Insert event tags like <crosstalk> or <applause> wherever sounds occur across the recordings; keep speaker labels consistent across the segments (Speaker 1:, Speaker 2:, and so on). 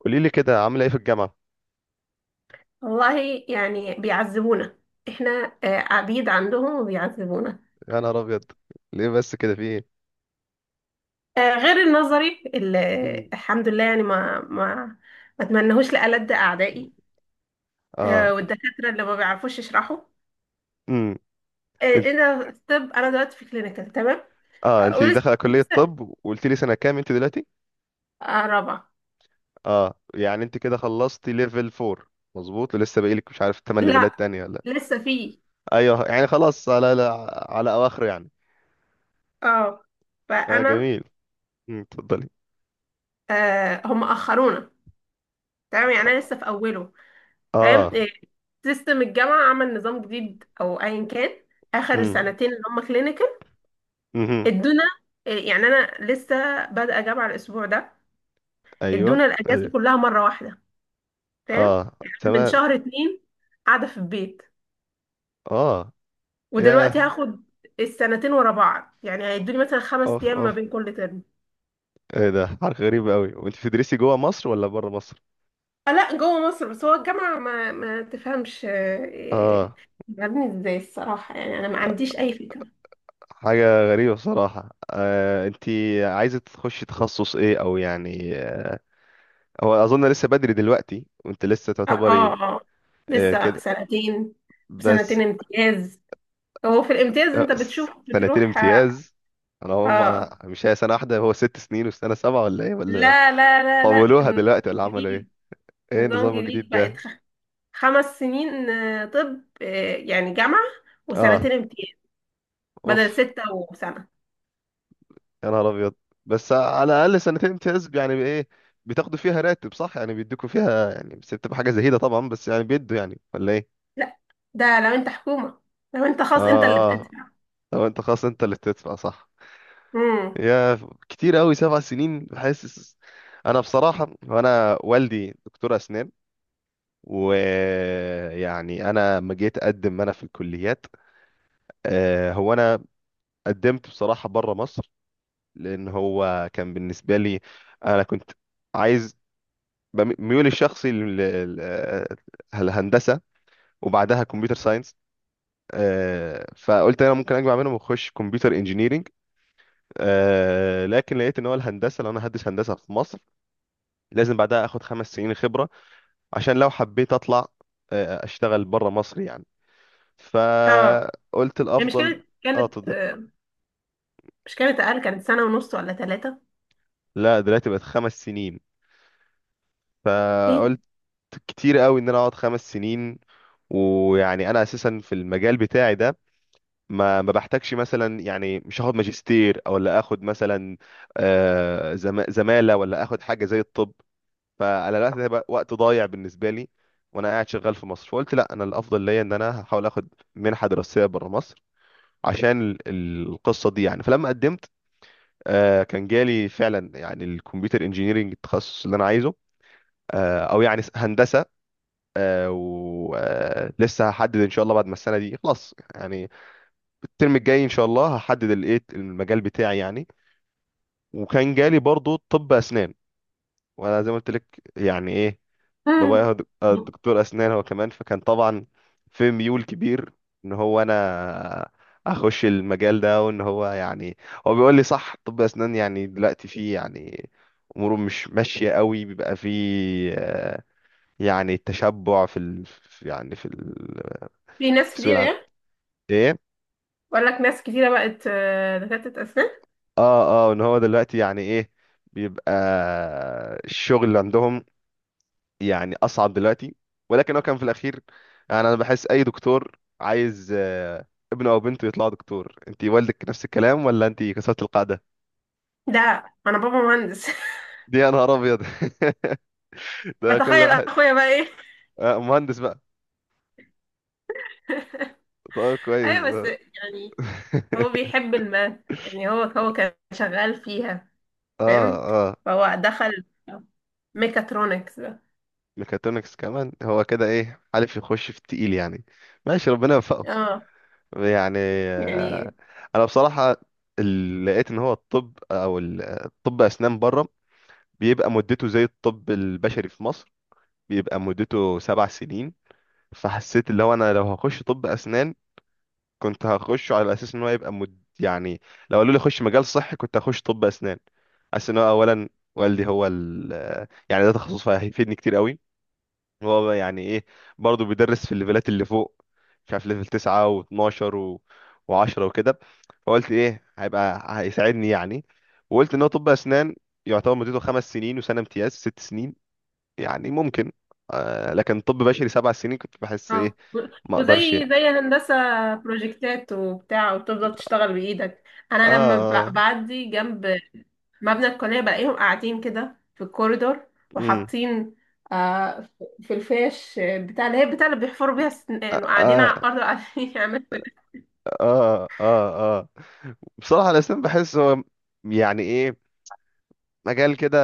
Speaker 1: قولي لي كده عامله ايه في الجامعه.
Speaker 2: والله يعني بيعذبونا، احنا. عبيد عندهم وبيعذبونا.
Speaker 1: يا نهار ابيض، ليه بس كده؟ في ايه؟
Speaker 2: غير النظري اللي...
Speaker 1: مم.
Speaker 2: الحمد لله، يعني ما اتمنهوش لألد أعدائي.
Speaker 1: اه.
Speaker 2: والدكاترة اللي ما بيعرفوش يشرحوا.
Speaker 1: امم. انت-
Speaker 2: انا طب، انا دلوقتي في كلينيكال، تمام.
Speaker 1: اه، انت
Speaker 2: ولسه
Speaker 1: داخله كليه طب، وقلت لي سنه كام انت دلوقتي؟
Speaker 2: رابعة.
Speaker 1: اه، يعني انت كده خلصتي ليفل 4؟ مظبوط، لسه باقي لك مش عارف 8
Speaker 2: لا،
Speaker 1: ليفلات تانية ولا؟
Speaker 2: لسه في،
Speaker 1: ايوه، يعني خلاص على على, اواخره يعني.
Speaker 2: اه
Speaker 1: اه
Speaker 2: فانا،
Speaker 1: جميل. مم، اتفضلي.
Speaker 2: هم اخرونا. تمام، يعني انا لسه في اوله. تمام.
Speaker 1: اه.
Speaker 2: سيستم الجامعة عمل نظام جديد أو أيا كان. آخر
Speaker 1: امم.
Speaker 2: السنتين اللي هم كلينيكال،
Speaker 1: امم.
Speaker 2: ادونا. يعني أنا لسه بادئة جامعة الأسبوع ده.
Speaker 1: ايوه.
Speaker 2: ادونا الأجازة
Speaker 1: ايوه.
Speaker 2: كلها مرة واحدة. تمام.
Speaker 1: اه
Speaker 2: يعني أنا من
Speaker 1: تمام.
Speaker 2: شهر اتنين قاعدة في البيت،
Speaker 1: اه. يا.
Speaker 2: ودلوقتي هاخد السنتين ورا بعض. يعني هيدوني مثلا خمس
Speaker 1: اوف
Speaker 2: أيام ما
Speaker 1: اوف،
Speaker 2: بين كل ترم.
Speaker 1: ايه ده حركه غريبه قوي؟ وانت بتدرسي جوه مصر ولا بره مصر؟
Speaker 2: لا، جوه مصر. بس هو الجامعة ما ما تفهمش. آه، إيه،
Speaker 1: اه
Speaker 2: عاملين ازاي الصراحة؟ يعني أنا ما عنديش أي فكرة.
Speaker 1: حاجة غريبة بصراحة. انتي عايزة تخشي تخصص ايه، او يعني هو اظن لسه بدري دلوقتي وانت لسه
Speaker 2: اه، اه،
Speaker 1: تعتبري
Speaker 2: آه. لسه
Speaker 1: كده
Speaker 2: سنتين.
Speaker 1: بس.
Speaker 2: سنتين امتياز. هو في الامتياز انت بتشوف،
Speaker 1: سنتين
Speaker 2: بتروح. اه.
Speaker 1: امتياز. انا هم،
Speaker 2: آه.
Speaker 1: أنا مش هي سنة واحدة، هو 6 سنين والسنة سبعة، ولا ايه، ولا
Speaker 2: لا لا لا لا،
Speaker 1: طولوها
Speaker 2: النظام
Speaker 1: دلوقتي ولا عملوا ايه؟
Speaker 2: الجديد.
Speaker 1: ايه
Speaker 2: نظام
Speaker 1: النظام
Speaker 2: جديد،
Speaker 1: الجديد
Speaker 2: بقت
Speaker 1: ده؟
Speaker 2: خمس سنين. طب، يعني جامعة وسنتين
Speaker 1: اه
Speaker 2: امتياز، بدل
Speaker 1: اوف.
Speaker 2: ستة وسنة.
Speaker 1: يا نهار ابيض. بس على الاقل سنتين امتياز يعني ايه؟ بتاخدوا فيها راتب صح؟ يعني بيدوكوا فيها يعني، بس بتبقى حاجة زهيدة طبعا، بس يعني بيدوا يعني ولا ايه؟
Speaker 2: لا، ده لو انت حكومة. لو انت خاص، انت اللي
Speaker 1: اه. آه.
Speaker 2: بتدفع.
Speaker 1: لو انت خلاص انت اللي بتدفع صح.
Speaker 2: امم.
Speaker 1: يا، كتير قوي 7 سنين بحس. انا بصراحه وانا والدي دكتور اسنان، ويعني انا لما جيت اقدم انا في الكليات، هو انا قدمت بصراحه بره مصر، لان هو كان بالنسبه لي. انا كنت عايز، ميولي الشخصي لل الهندسه وبعدها كمبيوتر ساينس. فقلت انا ممكن اجمع منهم واخش كمبيوتر انجينيرنج. آه، لكن لقيت ان هو الهندسه، لو انا هدرس هندسه في مصر، لازم بعدها اخد 5 سنين خبره عشان لو حبيت اطلع اشتغل بره مصر يعني.
Speaker 2: اه،
Speaker 1: فقلت
Speaker 2: هي مش
Speaker 1: الافضل.
Speaker 2: كانت
Speaker 1: اه
Speaker 2: كانت
Speaker 1: تض-
Speaker 2: مش كانت اقل، كانت سنة ونص ولا ثلاثة.
Speaker 1: لا، دلوقتي بقت 5 سنين.
Speaker 2: ايه ده؟
Speaker 1: فقلت كتير قوي ان انا اقعد 5 سنين. ويعني انا اساسا في المجال بتاعي ده ما بحتاجش مثلا، يعني مش هاخد ماجستير او لا اخد مثلا زماله ولا اخد حاجه زي الطب. فعلى الوقت ده بقى وقت ضايع بالنسبه لي، وانا قاعد شغال في مصر. فقلت لا، انا الافضل ليا ان انا هحاول اخد منحه دراسيه بره مصر عشان القصه دي يعني. فلما قدمت كان جالي فعلا يعني الكمبيوتر انجينيرنج، التخصص اللي انا عايزه، او يعني هندسه. ولسه هحدد ان شاء الله بعد ما السنه دي خلاص يعني، الترم الجاي ان شاء الله هحدد الايه المجال بتاعي يعني. وكان جالي برضو طب اسنان. وانا زي ما قلت لك، يعني ايه، بابايا
Speaker 2: مم.
Speaker 1: هو دكتور اسنان هو كمان. فكان طبعا في ميول كبير ان هو انا اخش المجال ده، وان هو يعني هو بيقول لي صح، طب اسنان يعني دلوقتي فيه يعني اموره مش ماشيه قوي، بيبقى فيه آه، يعني تشبع في ال... في، يعني في ال...
Speaker 2: في ناس
Speaker 1: في سوق
Speaker 2: كتير،
Speaker 1: العمل.
Speaker 2: يعني.
Speaker 1: ايه.
Speaker 2: بقول لك، ناس كتيرة بقت دكاترة أسنان.
Speaker 1: اه اه، ان هو دلوقتي يعني ايه بيبقى الشغل اللي عندهم يعني اصعب دلوقتي. ولكن هو كان في الاخير، يعني انا بحس اي دكتور عايز ابنه او بنته يطلع دكتور. انت والدك نفس الكلام ولا انت كسرت القاعده
Speaker 2: ده أنا بابا مهندس.
Speaker 1: دي؟ يا نهار ابيض. <laughs>
Speaker 2: <laughs>
Speaker 1: ده كل
Speaker 2: بتخيل
Speaker 1: واحد.
Speaker 2: أخويا بقى إيه.
Speaker 1: مهندس بقى.
Speaker 2: <laughs>
Speaker 1: طيب كويس
Speaker 2: أيوة، بس
Speaker 1: اه.
Speaker 2: يعني، هو
Speaker 1: <laughs>
Speaker 2: بيحب الماث. يعني هو كان شغال فيها،
Speaker 1: اه،
Speaker 2: فاهم؟
Speaker 1: آه.
Speaker 2: فهو دخل ميكاترونكس ده.
Speaker 1: ميكاترونكس كمان، هو كده ايه حالف يخش في التقيل يعني. ماشي ربنا يوفقه.
Speaker 2: اه،
Speaker 1: يعني
Speaker 2: يعني،
Speaker 1: انا بصراحه لقيت ان هو الطب او الطب اسنان بره بيبقى مدته زي الطب البشري في مصر، بيبقى مدته 7 سنين. فحسيت اللي هو انا لو هخش طب اسنان، كنت هخشه على اساس ان هو يبقى مد... يعني لو قالوا لي خش مجال صحي كنت هخش طب اسنان. حاسس ان هو اولا والدي هو ال... يعني ده تخصص فهيفيدني كتير قوي. هو بقى يعني ايه، برضه بيدرس في الليفلات اللي فوق، مش عارف ليفل 9 و12 و... و10 وكده. فقلت ايه هيبقى هيساعدني يعني. وقلت ان هو طب اسنان يعتبر مدته 5 سنين وسنه امتياز 6 سنين، يعني ممكن. آه، لكن طب بشري 7 سنين كنت بحس ايه
Speaker 2: اه.
Speaker 1: ما
Speaker 2: وزي
Speaker 1: اقدرش.
Speaker 2: الهندسة، بروجكتات وبتاع، وتفضل تشتغل بإيدك. أنا لما
Speaker 1: اه.
Speaker 2: بعدي جنب مبنى الكلية، بلاقيهم قاعدين كده في الكوريدور،
Speaker 1: امم.
Speaker 2: وحاطين في في الفيش بتاع اللي هي بتاع اللي بيحفروا بيها السنان، وقاعدين
Speaker 1: اه
Speaker 2: على الأرض، وقاعدين <laughs> يعملوا
Speaker 1: اه اه اه، بصراحة الأسنان بحس هو يعني ايه مجال كده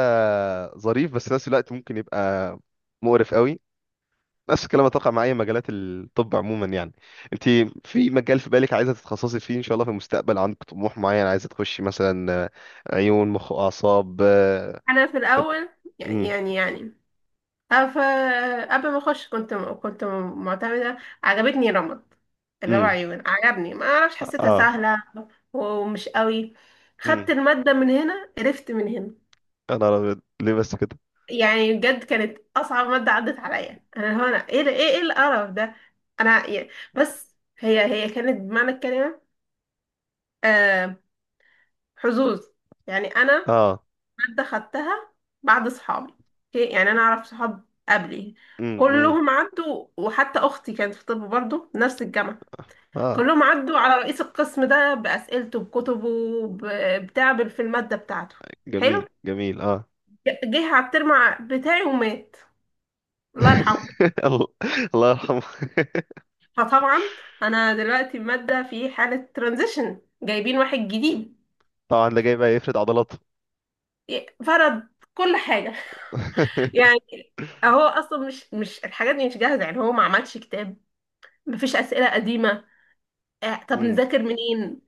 Speaker 1: ظريف، بس في نفس الوقت ممكن يبقى مقرف قوي. نفس الكلام اتوقع مع اي مجالات الطب عموما يعني. انت في مجال في بالك عايزة تتخصصي فيه ان شاء الله في المستقبل؟ عندك طموح معين؟ عايزة تخشي مثلا عيون، مخ، اعصاب؟
Speaker 2: أنا في الأول،
Speaker 1: امم.
Speaker 2: يعني، أف... قبل ما أخش كنت كنت معتمدة. عجبتني رمد، اللي هو
Speaker 1: امم.
Speaker 2: عيون. عجبني، ما أعرفش، حسيتها
Speaker 1: اه.
Speaker 2: سهلة ومش قوي.
Speaker 1: مم.
Speaker 2: خدت المادة من هنا، قرفت من هنا.
Speaker 1: يا نهار أبيض، ليه بس كده؟
Speaker 2: يعني بجد كانت اصعب ماده عدت عليا. انا هنا، ايه ده، ايه ايه القرف ده. انا يعني، بس هي كانت بمعنى الكلمه آه حظوظ. يعني انا،
Speaker 1: اه.
Speaker 2: ماده خدتها بعد صحابي. اوكي، يعني انا اعرف صحاب قبلي
Speaker 1: امم.
Speaker 2: كلهم عدوا، وحتى اختي كانت في طب برضه نفس الجامعه،
Speaker 1: اه
Speaker 2: كلهم عدوا على رئيس القسم ده، باسئلته، بكتبه، بتعب في الماده بتاعته. حلو.
Speaker 1: جميل جميل اه.
Speaker 2: جه على الترم بتاعي ومات، الله يرحمه.
Speaker 1: <laughs> الله. الله يرحمه. <laughs>
Speaker 2: فطبعا، انا دلوقتي مادة في حالة ترانزيشن، جايبين واحد جديد.
Speaker 1: طبعا ده جاي بقى يفرد عضلاته.
Speaker 2: فرض كل حاجة. <laughs>
Speaker 1: <laughs>
Speaker 2: يعني هو اصلا مش مش الحاجات دي مش جاهزة. يعني هو ما عملش كتاب، مفيش اسئلة قديمة. طب
Speaker 1: أمم.
Speaker 2: نذاكر منين؟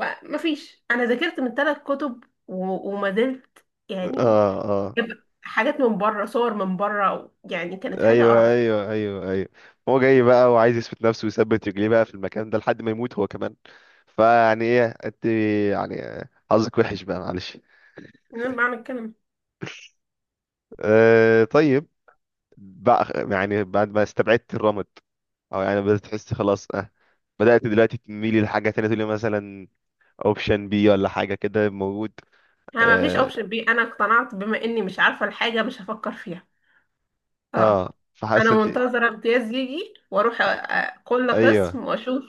Speaker 2: مفيش. انا ذاكرت من ثلاث كتب، وما زلت يعني
Speaker 1: اه اه.
Speaker 2: جايبة حاجات من بره، صور من بره. يعني كانت حاجة
Speaker 1: ايوه
Speaker 2: قرف.
Speaker 1: ايوه ايوه ايوه، هو جاي بقى وعايز يثبت نفسه ويثبت رجليه بقى في المكان ده لحد ما يموت هو كمان. فيعني ايه انت، يعني حظك وحش بقى معلش.
Speaker 2: من بعمل الكلام.
Speaker 1: آه طيب. بقى يعني بعد ما استبعدت الرمد، او يعني بدأت تحس خلاص بدأت دلوقتي تميلي لحاجة تانية، تقولي مثلا اوبشن بي ولا حاجة كده موجود؟
Speaker 2: انا مفيش
Speaker 1: اه،
Speaker 2: اوبشن بي. انا اقتنعت بما اني مش عارفة الحاجة، مش هفكر فيها. اه،
Speaker 1: آه. فحاسة
Speaker 2: انا
Speaker 1: انت.
Speaker 2: منتظره امتياز يجي واروح كل
Speaker 1: ايوه
Speaker 2: قسم واشوف.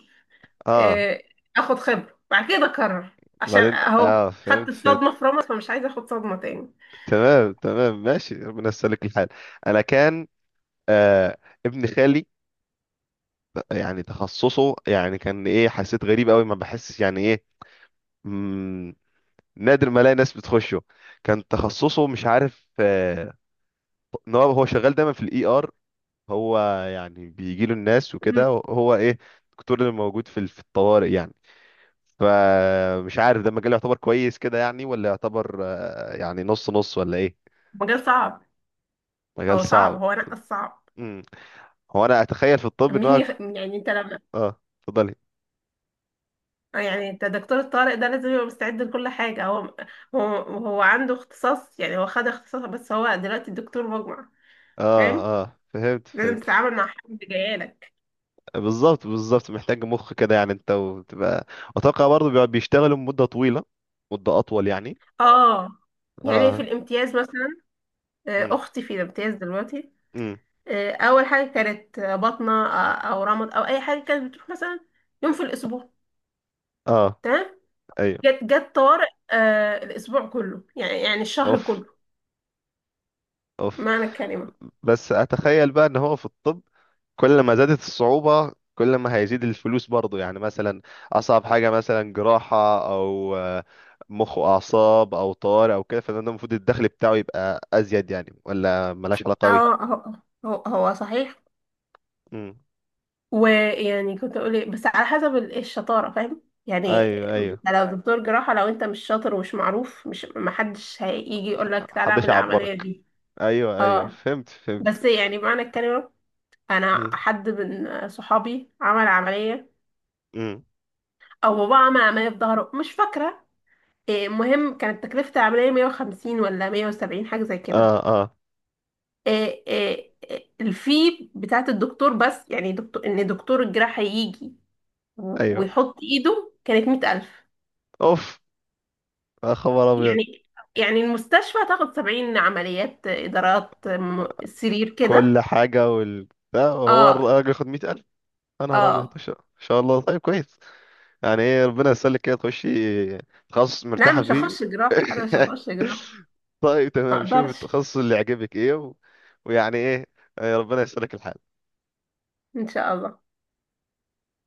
Speaker 1: اه
Speaker 2: آه، اخد خبره، بعد كده اقرر، عشان
Speaker 1: بعدين،
Speaker 2: اهو
Speaker 1: اه
Speaker 2: خدت
Speaker 1: فهمت فهمت.
Speaker 2: الصدمه في رمض، فمش عايزه اخد صدمه تاني.
Speaker 1: تمام تمام، ماشي ربنا يسلك الحال. انا كان آه ابن خالي يعني تخصصه، يعني كان ايه حسيت غريب قوي، ما بحس يعني ايه، مم، نادر ما الاقي ناس بتخشه. كان تخصصه مش عارف ان هو هو شغال دايما في الاي ار. هو يعني بيجي له الناس وكده،
Speaker 2: مم.
Speaker 1: هو ايه الدكتور اللي موجود في في الطوارئ يعني. فمش عارف ده مجال يعتبر كويس كده يعني، ولا يعتبر يعني نص نص ولا ايه؟
Speaker 2: مجال صعب.
Speaker 1: مجال
Speaker 2: هو صعب،
Speaker 1: صعب.
Speaker 2: هو نقص صعب.
Speaker 1: امم. هو انا اتخيل في الطب ان هو
Speaker 2: يعني انت لما...
Speaker 1: اه اتفضلي.
Speaker 2: يعني انت دكتور الطارق ده لازم يبقى مستعد لكل حاجه. هو هو عنده اختصاص، يعني هو خد اختصاص، بس هو دلوقتي الدكتور مجمع. فاهم؟
Speaker 1: اه اه فهمت
Speaker 2: لازم
Speaker 1: فهمت.
Speaker 2: تتعامل مع حد جايلك.
Speaker 1: بالظبط بالظبط، محتاج مخ كده يعني انت وتبقى. اتوقع برضه بيشتغلوا مدة طويلة، مدة اطول يعني.
Speaker 2: اه، يعني في
Speaker 1: اه.
Speaker 2: الامتياز مثلا.
Speaker 1: امم.
Speaker 2: اختي في الامتياز دلوقتي.
Speaker 1: امم.
Speaker 2: اول حاجه كانت بطنه، او رمض او اي حاجه، كانت بتروح مثلا يوم في الاسبوع،
Speaker 1: اه.
Speaker 2: تمام.
Speaker 1: ايوه.
Speaker 2: جت طوارئ، الاسبوع كله، يعني الشهر
Speaker 1: اوف
Speaker 2: كله،
Speaker 1: اوف.
Speaker 2: معنى الكلمه.
Speaker 1: بس اتخيل بقى ان هو في الطب كل ما زادت الصعوبة كل ما هيزيد الفلوس برضو يعني. مثلا أصعب حاجة مثلا جراحة، أو مخ وأعصاب، أو طوارئ أو كده، فده المفروض الدخل بتاعه يبقى أزيد يعني، ولا ملهاش علاقة أوي؟
Speaker 2: هو هو هو صحيح.
Speaker 1: مم.
Speaker 2: ويعني كنت اقول ايه، بس على حسب الشطاره، فاهم يعني؟
Speaker 1: أيوه أيوه.
Speaker 2: انت لو دكتور جراحه، لو انت مش شاطر ومش معروف، مش محدش هيجي يقول لك تعالى
Speaker 1: محدش
Speaker 2: اعمل العمليه
Speaker 1: يعبرك.
Speaker 2: دي.
Speaker 1: أيوه أيوه
Speaker 2: اه.
Speaker 1: فهمت فهمت.
Speaker 2: بس يعني، معنى الكلمه، انا
Speaker 1: مم.
Speaker 2: حد من صحابي عمل عمليه،
Speaker 1: مم.
Speaker 2: او بابا عمل عمليه في ظهره مش فاكره. المهم كانت تكلفه العمليه 150 ولا 170، حاجه زي كده.
Speaker 1: آه آه.
Speaker 2: إيه، إيه، إيه، الفي بتاعه الدكتور. بس يعني دكتور، ان دكتور الجراحه يجي
Speaker 1: أيوه.
Speaker 2: ويحط ايده، كانت 100,000.
Speaker 1: أوف. يا خبر أبيض.
Speaker 2: يعني، المستشفى تاخد 70 عمليات إدارات، سرير كده.
Speaker 1: كل حاجة، وال ده هو
Speaker 2: اه،
Speaker 1: الراجل ياخد 100,000. يا نهار أبيض، إن
Speaker 2: اه،
Speaker 1: شاء إن شاء الله طيب كويس. يعني ايه ربنا يسلك كده، تخشي تخصص
Speaker 2: لا، انا
Speaker 1: مرتاحة
Speaker 2: مش
Speaker 1: فيه.
Speaker 2: هخش جراحه، انا مش هخش جراحه.
Speaker 1: <laughs> طيب
Speaker 2: ما
Speaker 1: تمام، شوف
Speaker 2: اقدرش.
Speaker 1: التخصص اللي يعجبك ايه و... ويعني ايه ربنا يسلك الحال.
Speaker 2: ان شاء الله.